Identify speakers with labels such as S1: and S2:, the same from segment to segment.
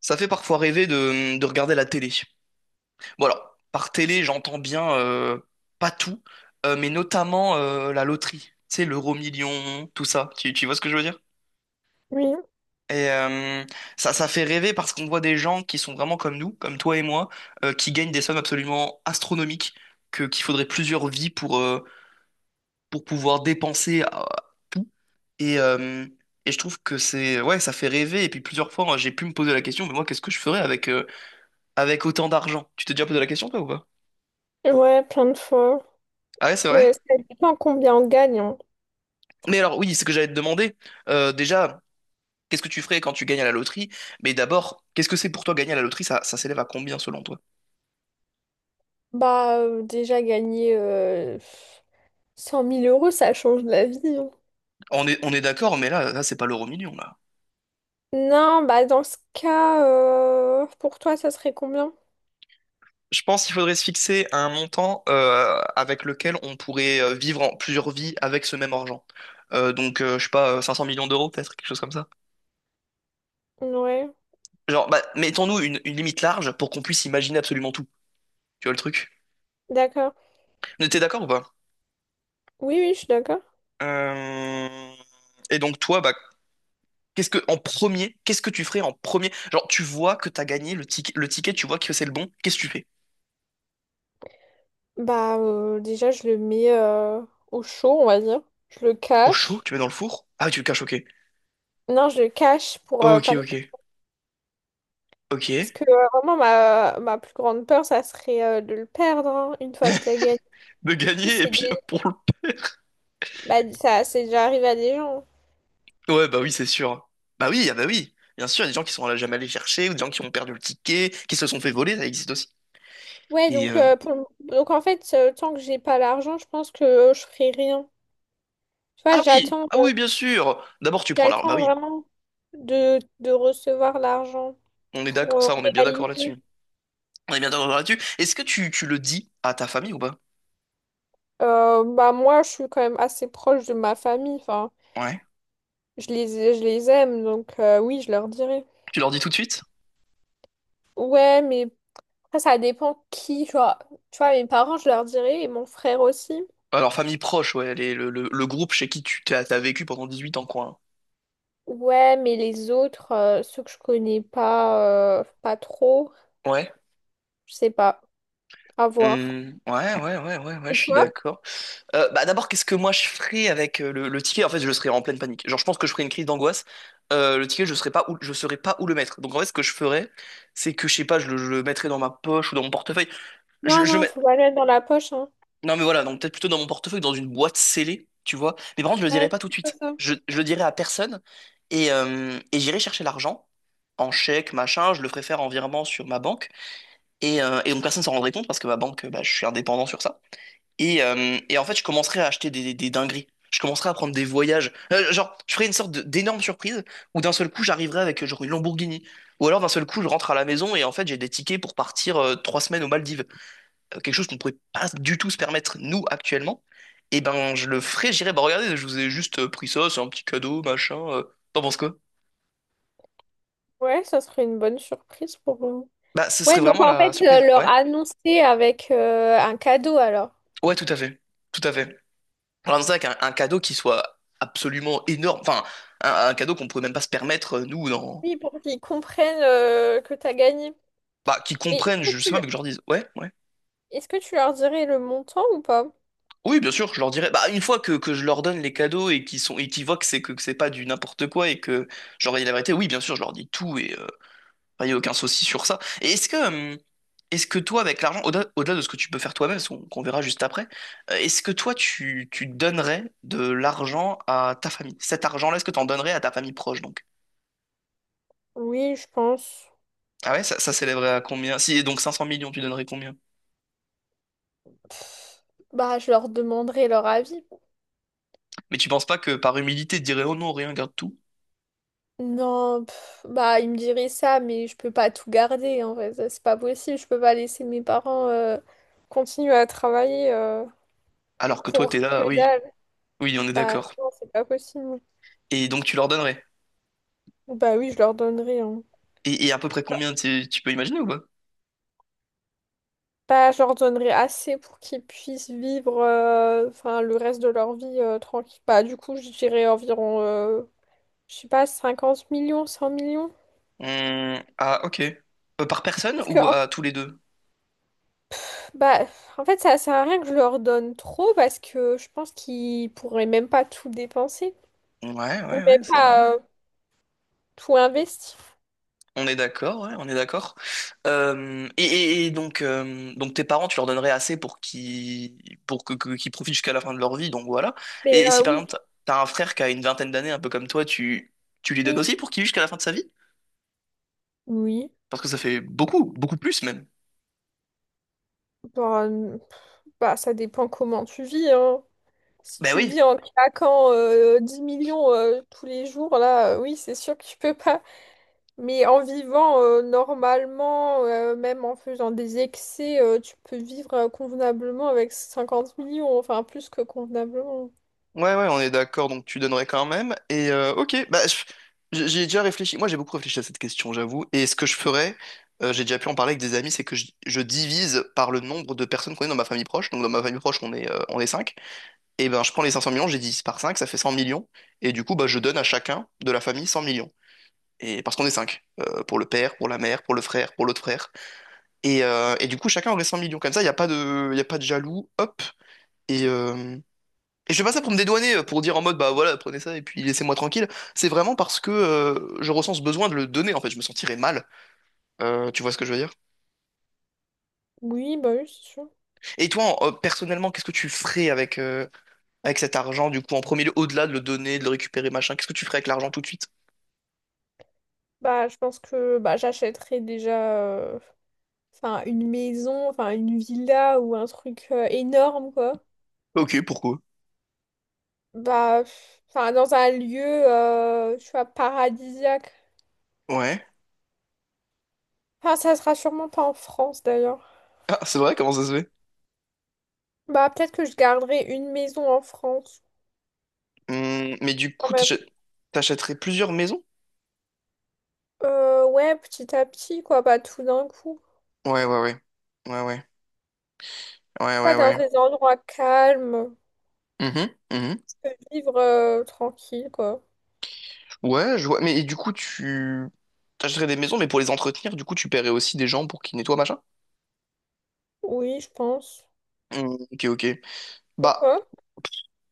S1: Ça fait parfois rêver de regarder la télé. Bon alors, par télé, j'entends bien pas tout, mais notamment la loterie. Tu sais, l'euro million, tout ça. Tu vois ce que je veux dire?
S2: Oui,
S1: Et euh, ça fait rêver parce qu'on voit des gens qui sont vraiment comme nous, comme toi et moi, qui gagnent des sommes absolument astronomiques, qu'il faudrait plusieurs vies pour pouvoir dépenser à tout. Et, euh, et je trouve que c'est, ouais, ça fait rêver. Et puis plusieurs fois, j'ai pu me poser la question, mais moi, qu'est-ce que je ferais avec autant d'argent? Tu t'es déjà posé la question, toi, ou pas?
S2: ouais, plein de fois.
S1: Ah ouais, c'est vrai?
S2: Mais ça dépend combien on gagne, hein.
S1: Mais alors, oui, ce que j'allais te demander, déjà, qu'est-ce que tu ferais quand tu gagnes à la loterie? Mais d'abord, qu'est-ce que c'est pour toi gagner à la loterie? Ça s'élève à combien selon toi?
S2: Bah, déjà gagner 100000 euros, ça change la vie, hein.
S1: On est d'accord, mais là, c'est pas l'euro million, là.
S2: Non, bah dans ce cas, pour toi, ça serait combien?
S1: Je pense qu'il faudrait se fixer un montant avec lequel on pourrait vivre en plusieurs vies avec ce même argent. Donc je sais pas, 500 millions d'euros, peut-être, quelque chose comme ça.
S2: Ouais,
S1: Genre, bah, mettons-nous une limite large pour qu'on puisse imaginer absolument tout. Tu vois le truc?
S2: d'accord.
S1: Mais t'es d'accord ou pas?
S2: Oui, oui, je suis d'accord.
S1: Euh, Et donc toi, bah, qu'est-ce que en premier, qu'est-ce que tu ferais en premier? Genre, tu vois que t'as gagné le ticket, tu vois que c'est le bon. Qu'est-ce que tu fais?
S2: Bah, déjà, je le mets au chaud, on va dire. Je le
S1: Au chaud,
S2: cache.
S1: tu mets dans le four? Ah, tu le caches, ok.
S2: Non, je le cache pour
S1: Ok,
S2: pas le perdre.
S1: ok,
S2: Parce
S1: ok.
S2: que vraiment, ma plus grande peur, ça serait de le perdre, hein, une fois que tu as gagné.
S1: De gagner et
S2: C'est
S1: puis hop,
S2: des
S1: pour le
S2: Bah, ça, c'est déjà arrivé à des gens.
S1: Ouais, bah oui, c'est sûr. Bah oui, ah bah oui. Bien sûr, il y a des gens qui sont jamais allés chercher, ou des gens qui ont perdu le ticket, qui se sont fait voler, ça existe aussi.
S2: Ouais,
S1: Et
S2: donc,
S1: euh,
S2: donc en fait, tant que j'ai pas l'argent, je pense que je ferai rien. Tu vois,
S1: Ah oui, ah oui, bien sûr. D'abord, tu prends l'arme. Bah
S2: j'attends
S1: oui,
S2: vraiment de recevoir l'argent
S1: on est
S2: pour
S1: d'accord, ça, on est bien d'accord là-dessus.
S2: réaliser.
S1: On est bien d'accord là-dessus. Est-ce que tu le dis à ta famille ou pas?
S2: Bah, moi, je suis quand même assez proche de ma famille. Enfin,
S1: Ouais.
S2: je les, je les aime, donc oui, je leur dirai.
S1: Tu leur dis tout de suite?
S2: Ouais, mais après, ça dépend qui. Tu vois, mes parents, je leur dirai, et mon frère aussi.
S1: Alors, famille proche, ouais, le groupe chez qui tu t'as, t'as vécu pendant 18 ans, quoi.
S2: Ouais, mais les autres, ceux que je connais pas, pas trop.
S1: Hein. Ouais.
S2: Je sais pas. À voir.
S1: Hmm, ouais, ouais, ouais, ouais, ouais,
S2: Et
S1: je suis
S2: toi?
S1: d'accord. D'abord, qu'est-ce que moi je ferais avec le ticket? En fait, je serais en pleine panique. Genre, je pense que je ferais une crise d'angoisse. Le ticket, je serais pas où, je saurais pas où le mettre. Donc, en fait, ce que je ferais, c'est que, je sais pas, je le mettrais dans ma poche ou dans mon portefeuille. Je,
S2: Non,
S1: je le
S2: non,
S1: mets-
S2: faut pas le mettre dans la poche, hein.
S1: Non, mais voilà, donc peut-être plutôt dans mon portefeuille, dans une boîte scellée, tu vois. Mais par contre, je le dirai
S2: Ouais,
S1: pas tout de
S2: plutôt
S1: suite.
S2: ça.
S1: Je le dirai à personne et j'irai chercher l'argent en chèque, machin. Je le ferai faire en virement sur ma banque. Et donc personne s'en rendrait compte parce que ma banque, bah, je suis indépendant sur ça. Et en fait, je commencerai à acheter des dingueries. Je commencerai à prendre des voyages. Genre, je ferai une sorte de- d'énorme surprise où d'un seul coup, j'arriverai avec genre une Lamborghini. Ou alors d'un seul coup, je rentre à la maison et en fait, j'ai des tickets pour partir trois semaines aux Maldives quelque chose qu'on ne pourrait pas du tout se permettre, nous, actuellement, et ben je le ferais, j'irais, bah regardez, je vous ai juste pris ça, c'est un petit cadeau, machin. T'en penses quoi?
S2: Ouais, ça serait une bonne surprise pour eux.
S1: Bah ce serait
S2: Ouais, donc
S1: vraiment
S2: en
S1: la
S2: fait,
S1: surprise.
S2: leur
S1: Ouais.
S2: annoncer avec un cadeau alors.
S1: Ouais, tout à fait. Tout à fait. Alors dans ça, avec un cadeau qui soit absolument énorme, enfin, un cadeau qu'on pourrait même pas se permettre, nous, dans.
S2: Oui, pour qu'ils comprennent que t'as gagné.
S1: Bah, qu'ils
S2: Mais est-ce
S1: comprennent,
S2: que
S1: je sais
S2: tu,
S1: pas, mais que je leur dise, ouais, ouais.
S2: est-ce que tu leur dirais le montant ou pas?
S1: Oui, bien sûr, je leur dirais. Bah, une fois que je leur donne les cadeaux et qu'ils sont, et qu'ils voient que que c'est pas du n'importe quoi et que je leur dis la vérité, oui, bien sûr, je leur dis tout enfin, il n'y a aucun souci sur ça. Et est-ce que toi, avec l'argent, au-delà de ce que tu peux faire toi-même, ce qu'on verra juste après, est-ce que toi, tu donnerais de l'argent à ta famille? Cet argent-là, est-ce que tu en donnerais à ta famille proche, donc?
S2: Oui, je pense.
S1: Ah ouais, ça s'élèverait à combien? Si, donc cinq 500 millions, tu donnerais combien?
S2: Pff, bah, je leur demanderai leur avis.
S1: Mais tu penses pas que par humilité, tu dirais, oh non, rien, garde tout.
S2: Non, pff, bah il me dirait ça, mais je peux pas tout garder en vrai, ça, c'est pas possible, je peux pas laisser mes parents continuer à travailler
S1: Alors que toi, t'es
S2: pour que
S1: là, oui,
S2: dalle.
S1: oui, on est
S2: Bah
S1: d'accord.
S2: non, c'est pas possible.
S1: Et donc, tu leur donnerais.
S2: Bah oui, je leur donnerai, hein.
S1: Et à peu près combien, tu peux imaginer ou pas?
S2: Bah je leur donnerai assez pour qu'ils puissent vivre enfin le reste de leur vie tranquille. Bah du coup, je dirais environ je sais pas, 50 millions, 100 millions.
S1: Ah, ok. Par personne
S2: Parce que,
S1: ou
S2: hop,
S1: à tous les deux?
S2: bah, en fait, ça sert à rien que je leur donne trop parce que je pense qu'ils pourraient même pas tout dépenser.
S1: Ouais,
S2: On
S1: ouais,
S2: n'est
S1: ouais, c'est...
S2: pas tout investi.
S1: On est d'accord, ouais, on est d'accord. Et donc tes parents, tu leur donnerais assez pour qu'ils pour qu'ils profitent jusqu'à la fin de leur vie, donc voilà.
S2: Mais
S1: Et si par
S2: oui,
S1: exemple t'as un frère qui a une vingtaine d'années, un peu comme toi, tu lui donnes
S2: oui.
S1: aussi pour qu'il vive jusqu'à la fin de sa vie?
S2: Oui.
S1: Parce que ça fait beaucoup, beaucoup plus même.
S2: Bah, n- bah, ça dépend comment tu vis, hein. Si
S1: Ben
S2: tu
S1: oui.
S2: vis en claquant 10 millions tous les jours, là, oui, c'est sûr que tu peux pas. Mais en vivant normalement, même en faisant des excès, tu peux vivre convenablement avec 50 millions, enfin plus que convenablement.
S1: Ouais, ouais, on est d'accord, donc tu donnerais quand même. Ok, bah, j'ai déjà réfléchi. Moi, j'ai beaucoup réfléchi à cette question, j'avoue. Et ce que je ferais, j'ai déjà pu en parler avec des amis, c'est que je divise par le nombre de personnes qu'on est dans ma famille proche. Donc, dans ma famille proche, on est cinq. Et ben, je prends les 500 millions, j'ai divise par 5 ça fait 100 millions. Et du coup, bah, je donne à chacun de la famille 100 millions. Et parce qu'on est 5. Pour le père, pour la mère, pour le frère, pour l'autre frère. Et du coup, chacun aurait 100 millions. Comme ça, il a pas de jaloux. Hop. et euh, et je fais pas ça pour me dédouaner, pour dire en mode bah voilà, prenez ça et puis laissez-moi tranquille. C'est vraiment parce que je ressens ce besoin de le donner, en fait, je me sentirais mal. Tu vois ce que je veux dire?
S2: Oui, bah oui, c'est sûr.
S1: Et toi, personnellement, qu'est-ce que tu ferais avec cet argent, du coup, en premier lieu, au-delà de le donner, de le récupérer, machin, qu'est-ce que tu ferais avec l'argent tout de suite?
S2: Bah, je pense que bah, j'achèterais déjà. euh, Enfin, une maison, enfin, une villa ou un truc énorme, quoi.
S1: Ok, pourquoi?
S2: Bah, pff, enfin, dans un lieu, tu vois, paradisiaque.
S1: Ouais.
S2: Enfin, ça sera sûrement pas en France, d'ailleurs.
S1: Ah, c'est vrai, comment ça se fait?
S2: Bah, peut-être que je garderai une maison en France,
S1: Mais du
S2: quand
S1: coup,
S2: même.
S1: t'achèterais plusieurs maisons?
S2: Ouais, petit à petit, quoi, pas tout d'un coup.
S1: Ouais, ouais, ouais. Ouais, ouais. Ouais,
S2: Pas
S1: ouais,
S2: dans
S1: ouais.
S2: des endroits calmes.
S1: Mhm, mhm.
S2: Je peux vivre tranquille, quoi.
S1: Ouais, je vois. Mais et du coup, tu t'achèterais des maisons, mais pour les entretenir, du coup, tu paierais aussi des gens pour qu'ils nettoient, machin?
S2: Oui, je pense.
S1: Hmm, ok, ok.
S2: Et
S1: Bah,
S2: toi?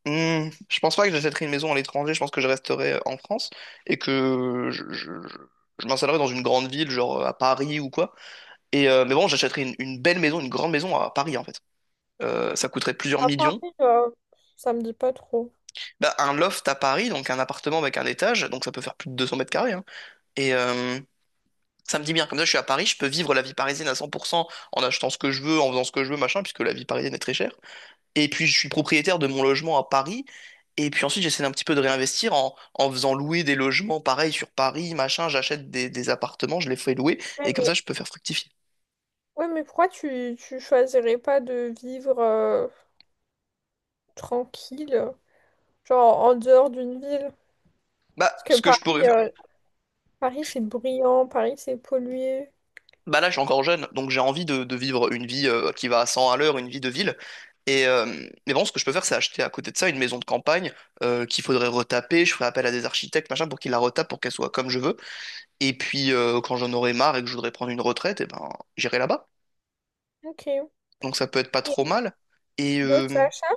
S1: je pense pas que j'achèterais une maison à l'étranger. Je pense que je resterais en France et que je m'installerais dans une grande ville, genre à Paris ou quoi. Et mais bon, j'achèterais une belle maison, une grande maison à Paris, en fait. Ça coûterait plusieurs
S2: À
S1: millions.
S2: Paris, euh, ça me dit pas trop.
S1: Bah, un loft à Paris, donc un appartement avec un étage, donc ça peut faire plus de 200 mètres carrés. Hein. Et, ça me dit bien, comme ça je suis à Paris, je peux vivre la vie parisienne à 100% en achetant ce que je veux, en faisant ce que je veux, machin, puisque la vie parisienne est très chère. Et puis je suis propriétaire de mon logement à Paris, et puis ensuite j'essaie un petit peu de réinvestir en faisant louer des logements pareil sur Paris, machin, j'achète des appartements, je les fais louer,
S2: Ouais,
S1: et comme ça
S2: mais
S1: je peux faire fructifier.
S2: ouais, mais pourquoi tu choisirais pas de vivre tranquille, genre en dehors d'une ville?
S1: Bah,
S2: Parce
S1: ce
S2: que
S1: que je pourrais
S2: Paris,
S1: faire.
S2: Paris c'est bruyant, Paris c'est pollué.
S1: Bah là je suis encore jeune, donc j'ai envie de vivre une vie qui va à 100 à l'heure, une vie de ville. Et mais bon, ce que je peux faire, c'est acheter à côté de ça une maison de campagne qu'il faudrait retaper. Je ferai appel à des architectes, machin, pour qu'ils la retapent, pour qu'elle soit comme je veux. Et puis, quand j'en aurai marre et que je voudrais prendre une retraite, eh ben, j'irai là-bas.
S2: Ok.
S1: Donc, ça peut être pas trop
S2: Et
S1: mal. Et
S2: d'autres achats?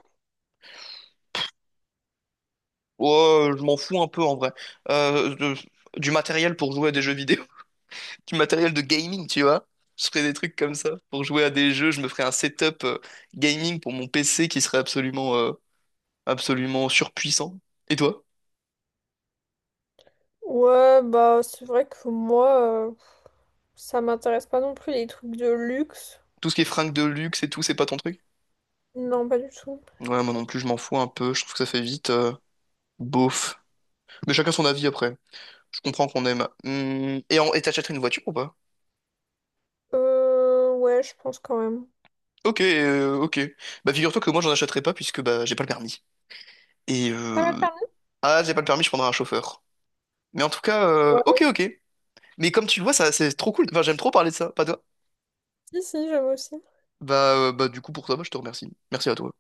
S1: ouais, je m'en fous un peu en vrai. Euh, de- du matériel pour jouer à des jeux vidéo, du matériel de gaming, tu vois. Je ferais des trucs comme ça. Pour jouer à des jeux, je me ferais un setup gaming pour mon PC qui serait absolument, absolument surpuissant. Et toi?
S2: Ouais, bah c'est vrai que moi, ça m'intéresse pas non plus les trucs de luxe.
S1: Tout ce qui est fringues de luxe et tout, c'est pas ton truc?
S2: Non, pas du tout.
S1: Ouais, moi non plus, je m'en fous un peu. Je trouve que ça fait vite beauf. Mais chacun son avis après. Je comprends qu'on aime. Et t'achèterais une voiture ou pas?
S2: Ouais, je pense quand même.
S1: Ok, ok. Bah figure-toi que moi j'en achèterais pas puisque bah j'ai pas le permis. Et
S2: T'as pas le permis?
S1: Ah, j'ai pas le permis, je prendrai un chauffeur. Mais en tout cas, ok,
S2: Ouais,
S1: ok. Mais comme tu le vois, ça c'est trop cool. Enfin, j'aime trop parler de ça, pas toi.
S2: si, si, j'aime aussi.
S1: Du coup pour ça, bah, je te remercie. Merci à toi.